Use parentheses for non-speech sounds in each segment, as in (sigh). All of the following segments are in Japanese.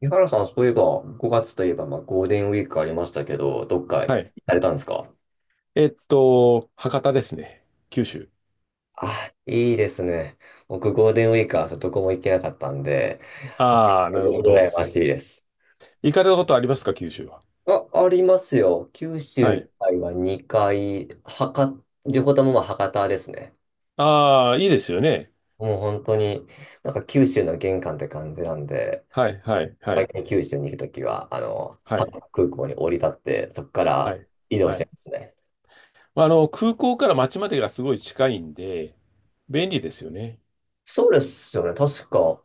井原さん、そういえば、5月といえば、ゴールデンウィークありましたけど、どっか行はい。かれたんですか？博多ですね。九州。あ、いいですね。僕、ゴールデンウィークはどこも行けなかったんで、はっぴゃああ、くなるほぐらど。いましいです。行かれたことありますか、九州は？あ、ありますよ。九州は以い。外は2回、博、両方とも博多ですね。ああ、いいですよね。もう本当に、九州の玄関って感じなんで、はい、はい、は毎い、回九州に行くときは、は博い、多空港に降り立って、そこかはらい、移動はしてい。ますね。まあの、空港から町までがすごい近いんで、便利ですよね。そうですよね。確か、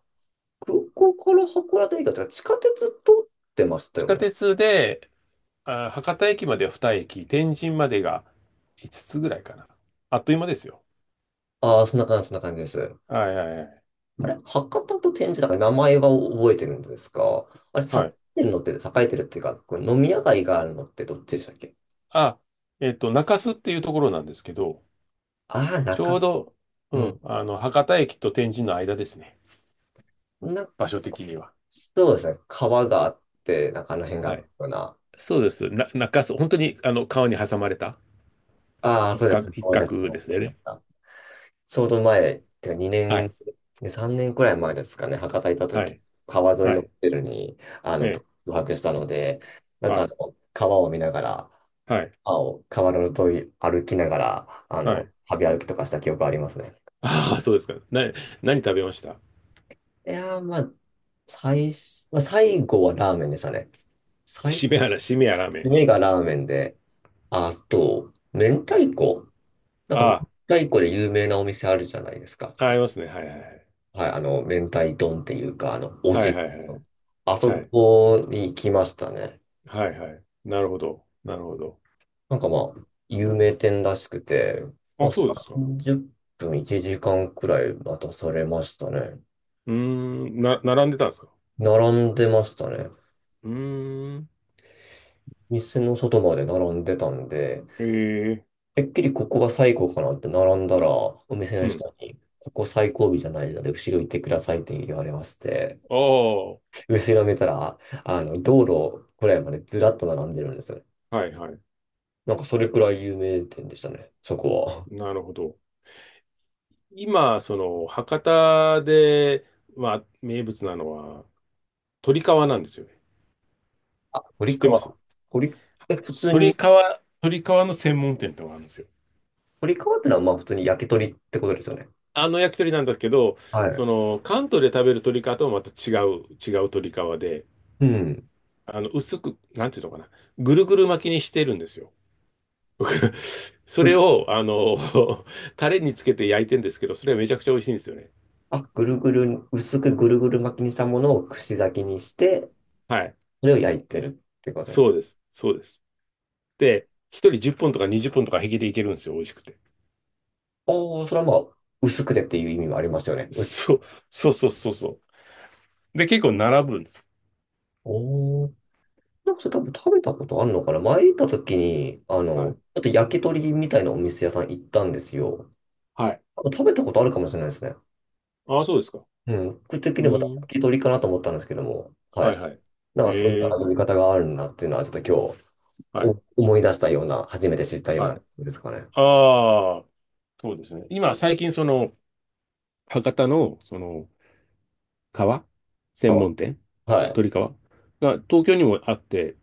空港から函館駅が地下鉄通ってました地よ下ね。鉄で、あー、博多駅までは2駅、天神までが5つつぐらいかな。あっという間ですよ。ああ、そんな感じ、そんな感じです。はい、はい、はい。あれ、博多と天神だから名前は覚えてるんですか？あれ、栄はい。えてるのって、栄えてるっていうか、これ飲み屋街があるのってどっちでしたっけ？あ、中洲っていうところなんですけど、ああー、ちょう中、ど、ううん、博多駅と天神の間ですね。ん。な、場所的には。そうですね。川があって、中の辺があはっい。たような。そうです。中州、本当に、川に挟まれたああ、一そうです。角、一思い出し角までしすた。思い出ね。したちょうど前、てかは2い。年、ね、3年くらい前ですかね、博多行ったは時、い。川沿いはのホい。テルに、え宿え。泊したので、はい。川を見ながら、はい。青、川の沿い歩きながら、はい。旅歩きとかした記憶ありますね。ああ、そうですか。何食べました？いやー、最初、最後はラーメンでしたね。最初、しめやラーメン。目がラーメンで、あと、明太子。明あ太子で有名なお店あるじゃないですか。あ、ありますね。はいはいはい。はい、明太丼っていうか、おうはち、いはいはい。あそはい。こに行きましたね。はいはい。なるほど。なるほど。有名店らしくて、まあ、あ、そうですか。う30分、1時間くらい待たされましたね。ーん、並んでたんですか？並んでましたね。うーん。店の外まで並んでたんで、ええ。てっきりここが最後かなって並んだら、お店のうん。人に、ここ最後尾じゃないので、後ろ行ってくださいって言われまして、ああ、は後ろ見たら、道路くらいまでずらっと並んでるんですよ。いはいなんかそれくらい有名店でしたね、そこは。なるほど。今、その、博多で、まあ、名物なのは、鶏皮なんですよね。あ、知堀ってます？川。堀、え、普通に、鶏皮、鶏皮の専門店ってのがあるんですよ。堀川ってのは普通に焼き鳥ってことですよね。あの焼き鳥なんだけど、はそい。の、関東で食べる鶏皮とはまた違う鶏皮で、うん。薄く、なんていうのかな、ぐるぐる巻きにしてるんですよ。僕 (laughs) それう、を、(laughs) タレにつけて焼いてんですけど、それはめちゃくちゃ美味しいんですよね。あ、ぐるぐる、薄くぐるぐる巻きにしたものを串焼きにして、はい。それを焼いてるってことです。そうです。そうです。で、一人10本とか20本とか平気でいけるんですよ。美味しくて。おー、それはまあ、薄くてっていう意味もありますよね。薄そう、そうそうそうそう。で、結構並ぶんです。おー。なんかそれ多分食べたことあるのかな前行った時に、はちい。ょっと焼き鳥みたいなお店屋さん行ったんですよ。はい。多分食べたことあるかもしれないですね。ああ、そうですか。うん、僕的うにも多分聞ん。き取りかなと思ったんですけども、ははい。いはい。なんかそういうええ、読み方があるんだっていうのは、ちょっと今日はい、お思い出したような、初めて知ったようはい。なことですかね。ああ、そうですね。今、最近、その、博多の、その、革専あ、門店、はい。鳥皮が、東京にもあって、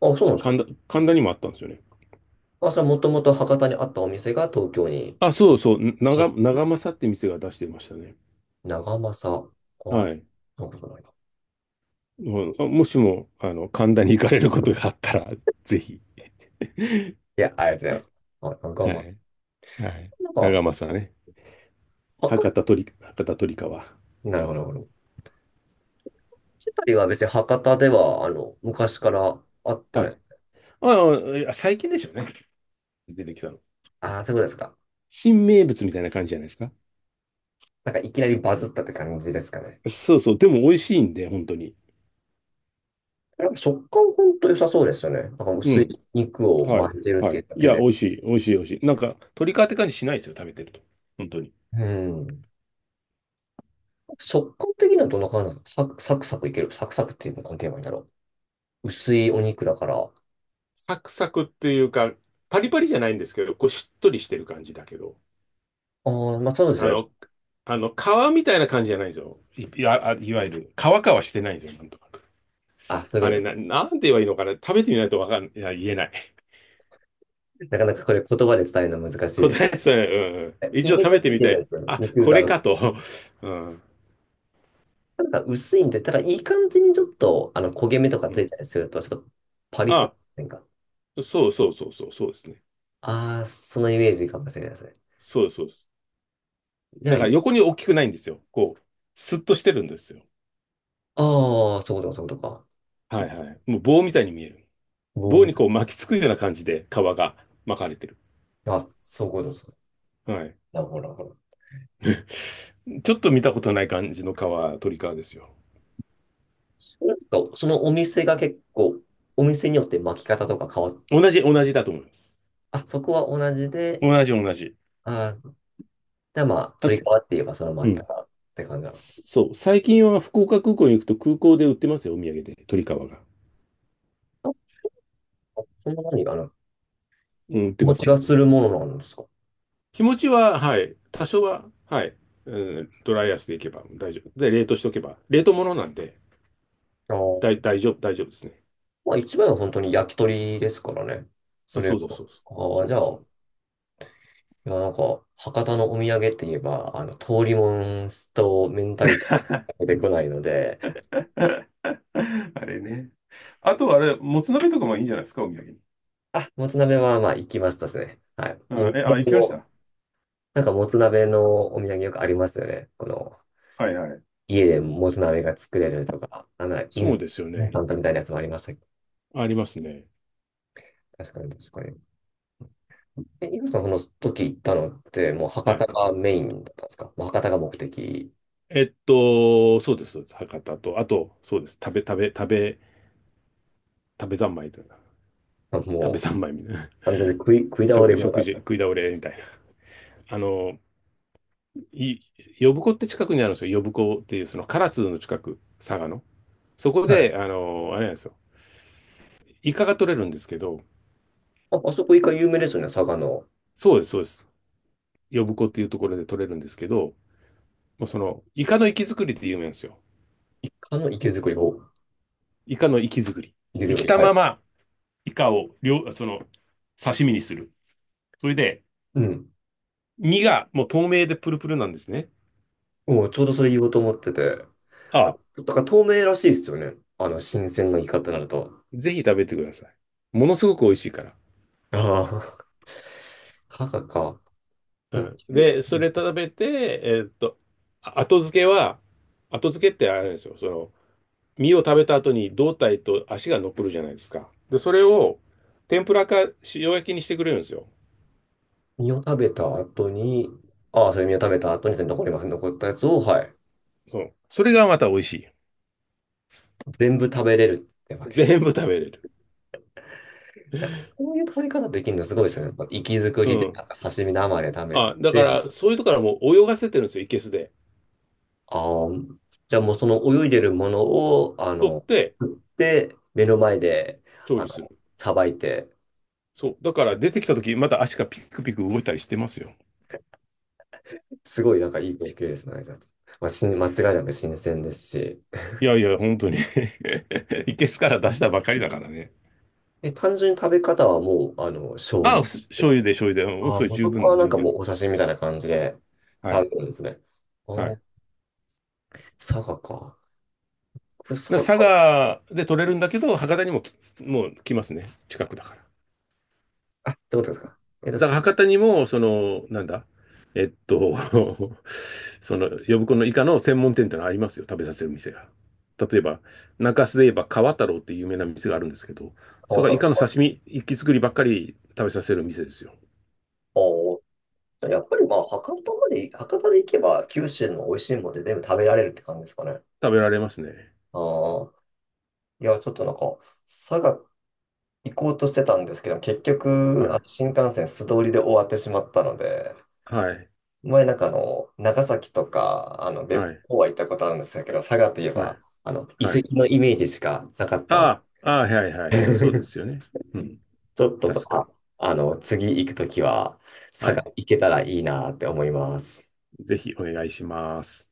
あ、そうなんですか。神田にもあったんですよね。あ、それはもともと博多にあったお店が東京にあ、そうそう、進出。長政って店が出してましたね。長政。はあ、い。なんかないな。もう、もしも、神田に行かれることがあったら、ぜひ。いや、ありがとうございます。あ、長は政。い。はい。なん長か、政ね。博博多鳥川。多、なるほど、なるほど。二人は別に博多では、昔からあったんはでい。す。ああ、最近でしょうね。出てきたの。ああ、そういうことですか。新名物みたいな感じじゃないですか。なんかいきなりバズったって感じですかね。そうそう。でも美味しいんで、本当に。なんか食感本当良さそうですよね。なんかう薄いん。肉をはい。巻いてるっはていうい。だいけや、で。美味しい。美味しい。美味しい。なんか、鶏皮って感じしないですよ、食べてると。本当に。うん。食感的にはどんな感じなんですか？サクサクサクいける。サクサクっていうのは何て言えばいいんだろう。薄いお肉だから。あサクサクっていうか、パリパリじゃないんですけど、こうしっとりしてる感じだけど、あ、まあそうですあよね。の、あの、皮みたいな感じじゃないですよ。いわゆる、皮してないんですよ、なんとなく。あ、そういあうれことな、でなんて言えばいいのかな。食べてみないとわかん、いや、言えない。す。なかなかこれ言葉で伝えるの難しいです。答えてたね。うんうん。一イ度メージ食がべてついみてたるんい。ですよね。あ、肉こが。れかと。(laughs) うん。なんか薄いんで、ただいい感じにちょっと焦げ目とかうつん。いたりすると、ちょっとパリッと。あ、なんか、そうそうそうそう、そうですね。ああ、そのイメージかもしれないですね。そうです、そうです。じゃだあ、から横に大きくないんですよ。こう、スッとしてるんですよ。ああ、そういうことか、そういうことか。はいはい。もう棒みたいに見える。棒棒みにたいこう巻きつくような感じで皮が巻かれてる。な。あ、そういうことです。はい。だほらほら。ちょっと見たことない感じの皮、鳥皮ですよ。なんかそのお店が結構、お店によって巻き方とか変わっ、同じだと思います。あ、そこは同じで、同じ。あー、で、まあ、あ、取り替わって言えばそのう巻きん。方って感じなんですか？そう。最近は福岡空港に行くと空港で売ってますよ、お土産で。鳥皮が。あ、そんな何かな。うん、売っ気て持まちすがね。するものなんですか？気持ちは、はい、多少は、はい、うん、ドライアイスでいけば大丈夫。で、冷凍しておけば、冷凍物なんで、ああ、大丈夫ですね。まあ、一番は本当に焼き鳥ですからね。そあ、れそうが。そうそうそう。ああ、そじうゃあ、そいや、なんか、博多のお土産って言えば、通りもんと明太子が出てこないので、う。(laughs) あれね。あと、あれ、もつ鍋とかもいいんじゃないですか、お土産に。あ、もつ鍋はまあ行きましたですね。はい。うもん、え、あ、行う、きましも、た。なんかもつ鍋のお土産よくありますよね。この、はいはい。家でもつ鍋が作れるとか、なんならイそンうですよスタね。ントみたいなやつもありましたけど。ありますね。確かに確かに。え、イブさんその時行ったのって、もうは博多い。がメインだったんですか？もう博多が目的。そうです、そうです。博多と、あと、そうです。食べ三昧というか、あ食べもう、三昧みたいな。完全に食い、食い (laughs) 倒れ放題だ。食い倒れみたいな。あの、い呼子って近くにあるんですよ。呼子っていう、その唐津の近く、佐賀の。そこはい。で、あれなんですよ。イカが取れるんですけど、あ、あそこイカ有名ですよね、佐賀の。そうです、そうです。呼子っていうところで取れるんですけど、もうその、イカの活き作りって有名なんですよ。イカの池作り方。イカの活き作り。池生作きり。たはい。まま、イカを、その、刺身にする。それで、うん。身がもう透明でプルプルなんですね。もうちょうどそれ言おうと思ってて。あなんあ、か、だから透明らしいですよね。新鮮なイカってなると。ぜひ食べてください。ものすごく美味しいから。ああ、(laughs) 佐賀か。うおん。で、それ食べて、後付けは、後付けってあれなんですよ。その、身を食べた後に胴体と足が残るじゃないですか。で、それを天ぷらか塩焼きにしてくれるんですよ。身を食べた後に、ああ、それ身を食べた後に残りますね。残ったやつを、はい。そう。それがまた美味し全部食べれるってわい。けです全部食べれる。ね。なんか、そういう食べ方できるのすごいですね。なんか息づくうりで、なん。んか刺身生で食べあ、だかて、ら、そういうとこからもう泳がせてるんですよ、いけすで。ああ、じゃあもうその泳いでるものを、取って食って、目の前で、調あ理すの、る。さばいて、そう。だから出てきたとき、また足がピクピク動いたりしてますよ。すごいなんかいい経験ですね。じゃあまあ、し間違いなく新鮮ですし。いやいや、本当に (laughs) いけすから出したばかりだからね。え、単純に食べ方はもう、醤あ油。あ、醤油で醤油で、うん、ああ、それもう十そこは分、なん十か分。もうお写真みたいな感じでは食べい。るんですね。はい。あだあ、か佐賀か。これら佐佐賀、賀で取れるんだけど、博多にももう来ますね。近くだから。あ、ってことですか。えっと、だ佐から賀、博多にも、その、なんだ、えっと、(laughs) その、呼子のイカの専門店ってのありますよ。食べさせる店が。例えば、中洲で言えば川太郎っていう有名な店があるんですけど、そ博れ多がイカのの刺身、一気作りばっかり食べさせる店ですよ。おーやっぱりまあ、博多まで、博多で行けば、九州の美味しいものでて全部食べられるって感じですかね。食べられますね。ああ、いや、ちょっとなんか、佐賀行こうとしてたんですけど、結は局、い。新幹線素通りで終わってしまったので、はい。前なんか長崎とか、は別い。府は行ったことあるんですけど、佐賀といえはい。ば、遺はい。跡のイメージしかなかったんああ、あで、あ、はいはいはい。(laughs) そうですよね。うん。ちょっと、確かに。あ、次行くときは、佐は賀い。行けたらいいなって思います。ぜひお願いします。